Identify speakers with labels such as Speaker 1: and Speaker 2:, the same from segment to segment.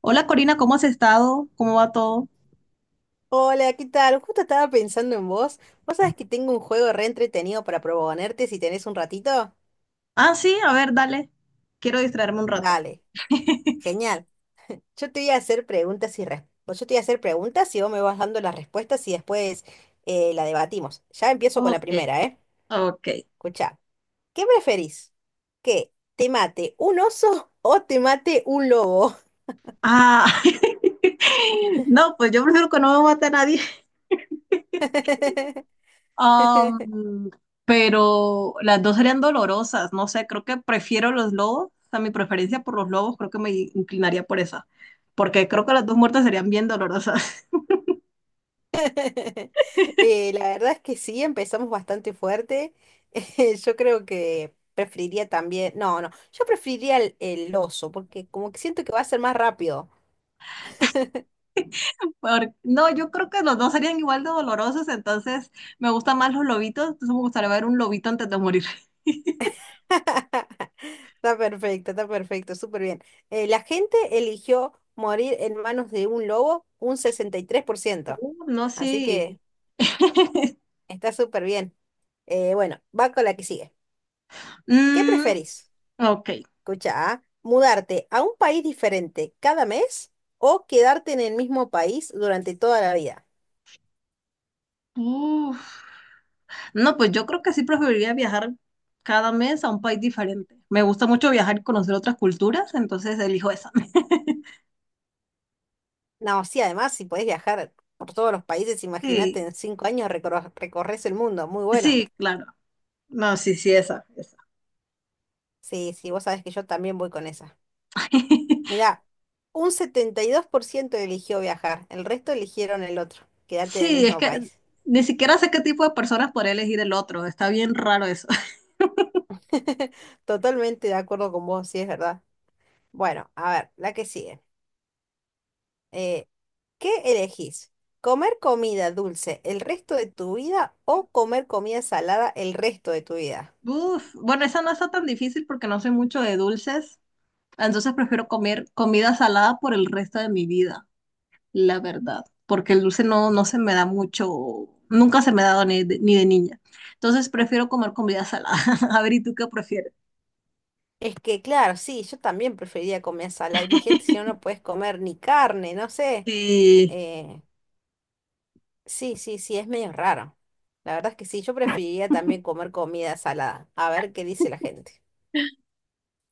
Speaker 1: Hola, Corina, ¿cómo has estado? ¿Cómo va todo?
Speaker 2: Hola, ¿qué tal? Justo estaba pensando en vos. ¿Vos sabés que tengo un juego re entretenido para proponerte si tenés un ratito?
Speaker 1: Ah, sí, a ver, dale. Quiero distraerme un rato.
Speaker 2: Dale, genial. Yo te voy a hacer preguntas y Yo te voy a hacer preguntas y vos me vas dando las respuestas y después la debatimos. Ya empiezo con la
Speaker 1: Ok,
Speaker 2: primera, ¿eh?
Speaker 1: ok.
Speaker 2: Escuchá, ¿qué preferís? ¿Que te mate un oso o te mate un lobo?
Speaker 1: Ah, no, pues yo prefiero que no me mate a nadie. Am, pero las dos serían dolorosas, no sé, creo que prefiero los lobos, o sea, mi preferencia por los lobos creo que me inclinaría por esa, porque creo que las dos muertes serían bien dolorosas.
Speaker 2: La verdad es que sí, empezamos bastante fuerte. Yo creo que preferiría también, no, no, yo preferiría el oso, porque como que siento que va a ser más rápido.
Speaker 1: No, yo creo que los dos serían igual de dolorosos, entonces me gustan más los lobitos, entonces me gustaría ver un lobito antes de morir.
Speaker 2: Está perfecto, súper bien. La gente eligió morir en manos de un lobo un sesenta y tres por ciento
Speaker 1: No,
Speaker 2: así
Speaker 1: sí.
Speaker 2: que está súper bien. Bueno, va con la que sigue. ¿Qué
Speaker 1: Mm,
Speaker 2: preferís?
Speaker 1: ok.
Speaker 2: Escucha, ¿ah? ¿Mudarte a un país diferente cada mes o quedarte en el mismo país durante toda la vida?
Speaker 1: Uf. No, pues yo creo que sí preferiría viajar cada mes a un país diferente. Me gusta mucho viajar y conocer otras culturas, entonces elijo esa.
Speaker 2: No, sí, además, si podés viajar por todos los países, imagínate,
Speaker 1: Sí,
Speaker 2: en 5 años recorres el mundo, muy bueno.
Speaker 1: sí, claro. No, sí, sí, esa, esa.
Speaker 2: Sí, sí, vos sabés que yo también voy con esa. Mirá, un 72% eligió viajar, el resto eligieron el otro, quedarte en el
Speaker 1: Sí, es
Speaker 2: mismo
Speaker 1: que
Speaker 2: país.
Speaker 1: ni siquiera sé qué tipo de personas podría elegir el otro. Está bien raro eso.
Speaker 2: Totalmente de acuerdo con vos, sí, es verdad. Bueno, a ver, la que sigue. Eh, ¿Qué elegís? ¿Comer comida dulce el resto de tu vida o comer comida salada el resto de tu vida?
Speaker 1: Uf, bueno, esa no está tan difícil porque no soy mucho de dulces, entonces prefiero comer comida salada por el resto de mi vida. La verdad, porque el dulce no, no se me da mucho, nunca se me ha dado ni de, ni de niña. Entonces prefiero comer comida salada. A ver, ¿y tú qué prefieres?
Speaker 2: Es que, claro, sí, yo también preferiría comer salada. Imagínate si no, no puedes comer ni carne, no sé.
Speaker 1: Sí,
Speaker 2: Eh, sí, sí, sí, es medio raro. La verdad es que sí, yo preferiría también comer comida salada. A ver qué dice la gente.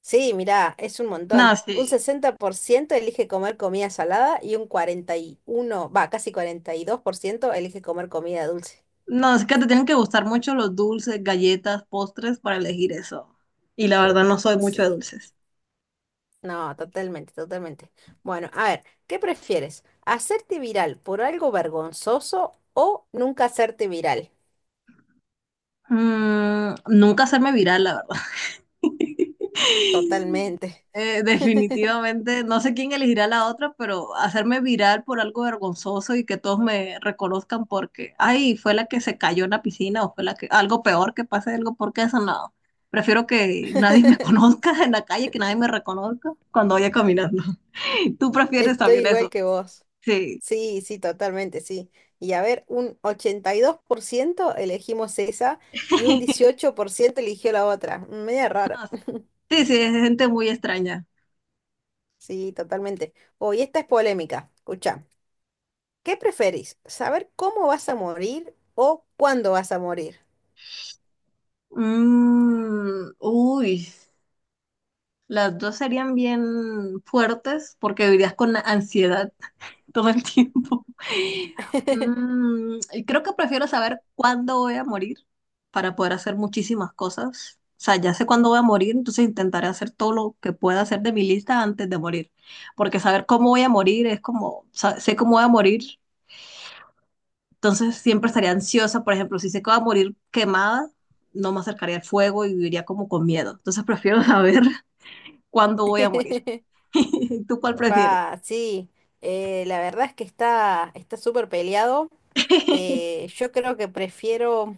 Speaker 2: Sí, mirá, es un
Speaker 1: no,
Speaker 2: montón. Un
Speaker 1: sí.
Speaker 2: 60% elige comer comida salada y un 41 va, casi 42% elige comer comida dulce.
Speaker 1: No, es que te tienen que gustar mucho los dulces, galletas, postres para elegir eso. Y la verdad no soy mucho de
Speaker 2: Sí,
Speaker 1: dulces.
Speaker 2: no, totalmente, totalmente. Bueno, a ver, ¿qué prefieres? ¿Hacerte viral por algo vergonzoso o nunca hacerte viral?
Speaker 1: Mm, nunca hacerme viral, la verdad.
Speaker 2: Totalmente.
Speaker 1: Definitivamente, no sé quién elegirá la otra, pero hacerme viral por algo vergonzoso y que todos me reconozcan porque, ay, fue la que se cayó en la piscina o fue la que, algo peor que pase, algo porque eso no. Prefiero que nadie me conozca en la calle, que nadie me reconozca cuando vaya caminando. ¿Tú prefieres
Speaker 2: Estoy
Speaker 1: también
Speaker 2: igual
Speaker 1: eso?
Speaker 2: que vos.
Speaker 1: Sí.
Speaker 2: Sí, sí, totalmente, sí. Y a ver, un 82% elegimos esa y un 18% eligió la otra. Media raro.
Speaker 1: Ah, sí, sí, es gente muy extraña.
Speaker 2: Sí, totalmente. Oh, y esta es polémica. Escucha, ¿qué preferís? ¿Saber cómo vas a morir o cuándo vas a morir?
Speaker 1: Mm, uy. Las dos serían bien fuertes porque vivirías con ansiedad todo el tiempo. Mm, y creo que prefiero saber cuándo voy a morir para poder hacer muchísimas cosas. O sea, ya sé cuándo voy a morir, entonces intentaré hacer todo lo que pueda hacer de mi lista antes de morir. Porque saber cómo voy a morir es como, sé cómo voy a morir, entonces siempre estaría ansiosa. Por ejemplo, si sé que voy a morir quemada, no me acercaría al fuego y viviría como con miedo. Entonces prefiero saber cuándo voy a morir. ¿Tú cuál prefieres?
Speaker 2: Fa, sí, la verdad es que está súper peleado. Yo creo que prefiero,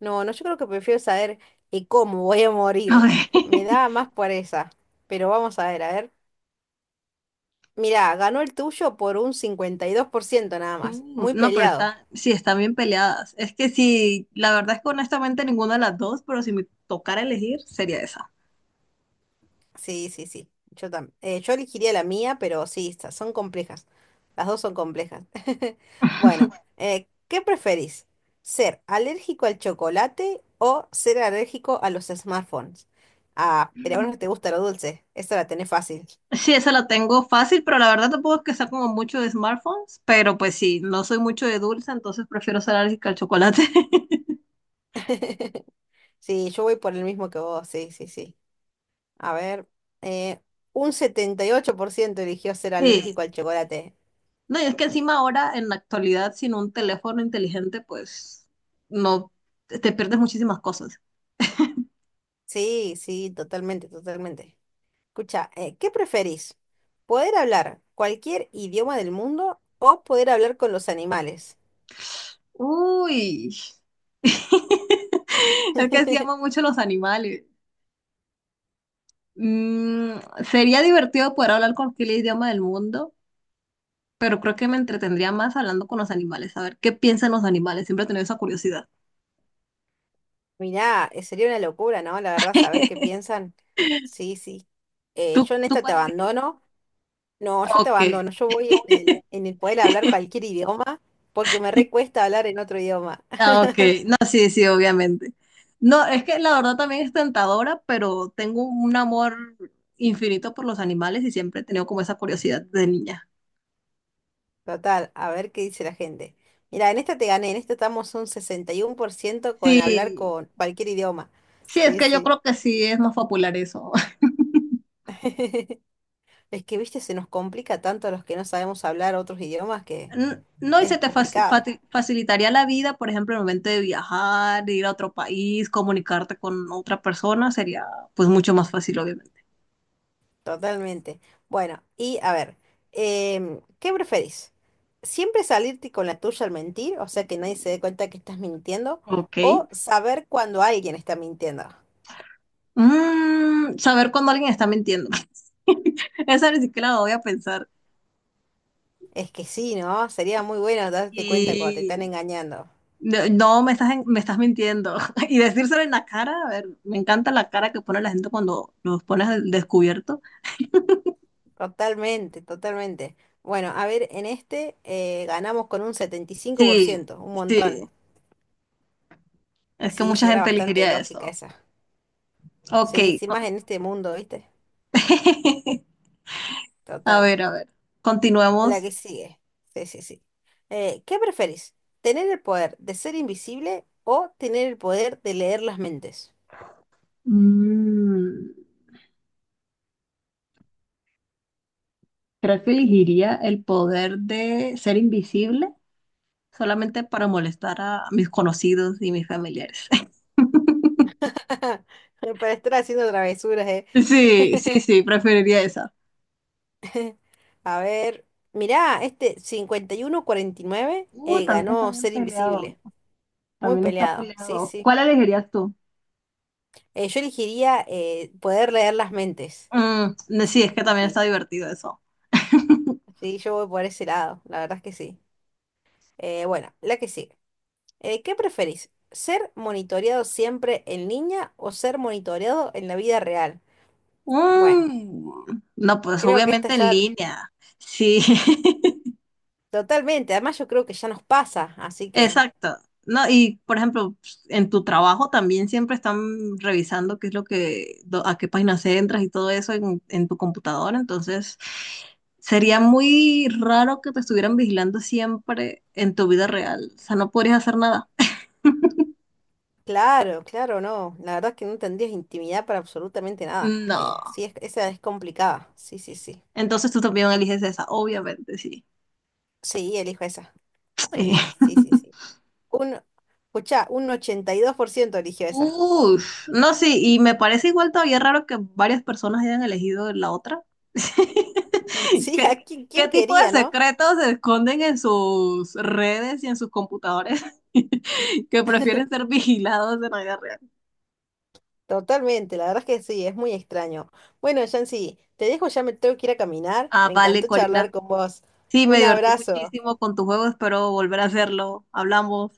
Speaker 2: no, no, yo creo que prefiero saber cómo voy a morir.
Speaker 1: Ok.
Speaker 2: Me da más por esa. Pero vamos a ver, a ver. Mirá, ganó el tuyo por un 52% nada más. Muy
Speaker 1: No, pero
Speaker 2: peleado.
Speaker 1: está, sí, están bien peleadas. Es que sí, la verdad es que honestamente ninguna de las dos, pero si me tocara elegir, sería esa.
Speaker 2: Sí, sí, sí. Yo también. Yo elegiría la mía, pero sí, estas son complejas. Las dos son complejas. Bueno, ¿qué preferís? ¿Ser alérgico al chocolate o ser alérgico a los smartphones? Ah, pero a vos
Speaker 1: Mm.
Speaker 2: no te gusta lo dulce. Esta la tenés fácil.
Speaker 1: Sí, esa la tengo fácil, pero la verdad tampoco es que sea como mucho de smartphones, pero pues sí, no soy mucho de dulce, entonces prefiero ser alérgica al chocolate.
Speaker 2: Sí, yo voy por el mismo que vos. Sí, sí, sí. A ver, eh, un 78% eligió ser
Speaker 1: Sí.
Speaker 2: alérgico al chocolate.
Speaker 1: No, y es que encima ahora, en la actualidad, sin un teléfono inteligente, pues no, te pierdes muchísimas cosas.
Speaker 2: Sí, sí, totalmente, totalmente. Escucha, ¿qué preferís? ¿Poder hablar cualquier idioma del mundo o poder hablar con los animales?
Speaker 1: Uy, es que sí amo mucho los animales. Mm, sería divertido poder hablar cualquier idioma del mundo, pero creo que me entretendría más hablando con los animales, a ver qué piensan los animales. Siempre he tenido esa curiosidad.
Speaker 2: Mirá, sería una locura, ¿no? La verdad, saber qué piensan. Sí, sí.
Speaker 1: ¿Tú,
Speaker 2: Yo en
Speaker 1: tú
Speaker 2: esta te
Speaker 1: cuál elegirías?
Speaker 2: abandono. No, yo te
Speaker 1: Ok,
Speaker 2: abandono. Yo voy en el poder hablar cualquier idioma porque me recuesta hablar en otro idioma.
Speaker 1: ah, ok. No, sí, sí, obviamente. No, es que la verdad también es tentadora, pero tengo un amor infinito por los animales y siempre he tenido como esa curiosidad de niña.
Speaker 2: Total, a ver qué dice la gente. Mira, en esta te gané. En esta estamos un 61% con hablar
Speaker 1: Sí.
Speaker 2: con cualquier idioma.
Speaker 1: Sí, es
Speaker 2: Sí,
Speaker 1: que yo
Speaker 2: sí.
Speaker 1: creo que sí es más popular eso.
Speaker 2: Es que, viste, se nos complica tanto a los que no sabemos hablar otros idiomas que
Speaker 1: No, y se
Speaker 2: es
Speaker 1: te
Speaker 2: complicado,
Speaker 1: facilitaría la vida, por ejemplo, en el momento de viajar, de ir a otro país, comunicarte con otra persona, sería pues mucho más fácil, obviamente.
Speaker 2: totalmente. Bueno, y a ver, ¿qué preferís? ¿Siempre salirte con la tuya al mentir? O sea, que nadie se dé cuenta que estás mintiendo.
Speaker 1: Ok.
Speaker 2: ¿O saber cuando alguien está mintiendo?
Speaker 1: Mm, saber cuando alguien está mintiendo. Esa ni siquiera la voy a pensar.
Speaker 2: Es que sí, ¿no? Sería muy bueno darte cuenta cuando te están
Speaker 1: Y
Speaker 2: engañando.
Speaker 1: no, no, me estás mintiendo. Y decírselo en la cara, a ver, me encanta la cara que pone la gente cuando los pones al descubierto.
Speaker 2: Totalmente, totalmente. Bueno, a ver, en este ganamos con un setenta y cinco por
Speaker 1: Sí,
Speaker 2: ciento un
Speaker 1: sí,
Speaker 2: montón.
Speaker 1: es que
Speaker 2: Sí,
Speaker 1: mucha
Speaker 2: sí, era
Speaker 1: gente
Speaker 2: bastante
Speaker 1: elegiría
Speaker 2: lógica
Speaker 1: eso.
Speaker 2: esa.
Speaker 1: Ok.
Speaker 2: Sí, sí, más en este mundo, ¿viste?
Speaker 1: A
Speaker 2: Total.
Speaker 1: ver, a ver.
Speaker 2: La
Speaker 1: Continuemos.
Speaker 2: que sigue. Sí, sí, sí. ¿Qué preferís? ¿Tener el poder de ser invisible o tener el poder de leer las mentes?
Speaker 1: Mm, creo que elegiría el poder de ser invisible solamente para molestar a mis conocidos y mis familiares.
Speaker 2: Para estar haciendo travesuras, ¿eh?
Speaker 1: Sí, sí, sí, preferiría esa.
Speaker 2: A ver, mirá, este cincuenta y 49
Speaker 1: También está
Speaker 2: ganó
Speaker 1: bien
Speaker 2: ser
Speaker 1: peleado.
Speaker 2: invisible. Muy
Speaker 1: También está
Speaker 2: peleado, sí,
Speaker 1: peleado.
Speaker 2: sí.
Speaker 1: ¿Cuál elegirías tú?
Speaker 2: Yo elegiría poder leer las mentes.
Speaker 1: Mm, no, sí, es
Speaker 2: Sí,
Speaker 1: que
Speaker 2: sí,
Speaker 1: también está
Speaker 2: sí.
Speaker 1: divertido eso.
Speaker 2: Sí, yo voy por ese lado, la verdad es que sí. Bueno, la que sigue. ¿Qué preferís? ¿Ser monitoreado siempre en línea o ser monitoreado en la vida real? Bueno,
Speaker 1: Mm, no, pues
Speaker 2: creo que esta
Speaker 1: obviamente en
Speaker 2: ya
Speaker 1: línea. Sí,
Speaker 2: totalmente, además yo creo que ya nos pasa, así que
Speaker 1: exacto. No, y por ejemplo, en tu trabajo también siempre están revisando qué es lo que, a qué páginas entras y todo eso en tu computadora. Entonces, sería muy raro que te estuvieran vigilando siempre en tu vida real. O sea, no podrías hacer nada.
Speaker 2: claro, claro, no, la verdad es que no tendrías intimidad para absolutamente nada.
Speaker 1: No.
Speaker 2: Sí, esa es complicada, sí, sí, sí.
Speaker 1: Entonces tú también eliges esa, obviamente, sí.
Speaker 2: Sí, elijo esa,
Speaker 1: Eh,
Speaker 2: sí, sí, sí, sí. Un, escuchá, un 82% eligió esa.
Speaker 1: Ush, no, sí, y me parece igual todavía raro que varias personas hayan elegido la otra.
Speaker 2: Sí,
Speaker 1: ¿Qué,
Speaker 2: ¿a quién,
Speaker 1: qué
Speaker 2: quién
Speaker 1: tipo de
Speaker 2: quería, no?
Speaker 1: secretos se esconden en sus redes y en sus computadores que prefieren ser vigilados en la vida real?
Speaker 2: Totalmente, la verdad es que sí, es muy extraño. Bueno, Yancy, te dejo, ya me tengo que ir a caminar.
Speaker 1: Ah,
Speaker 2: Me
Speaker 1: vale,
Speaker 2: encantó charlar
Speaker 1: Corina.
Speaker 2: con vos.
Speaker 1: Sí, me
Speaker 2: Un
Speaker 1: divertí
Speaker 2: abrazo.
Speaker 1: muchísimo con tu juego, espero volver a hacerlo. Hablamos.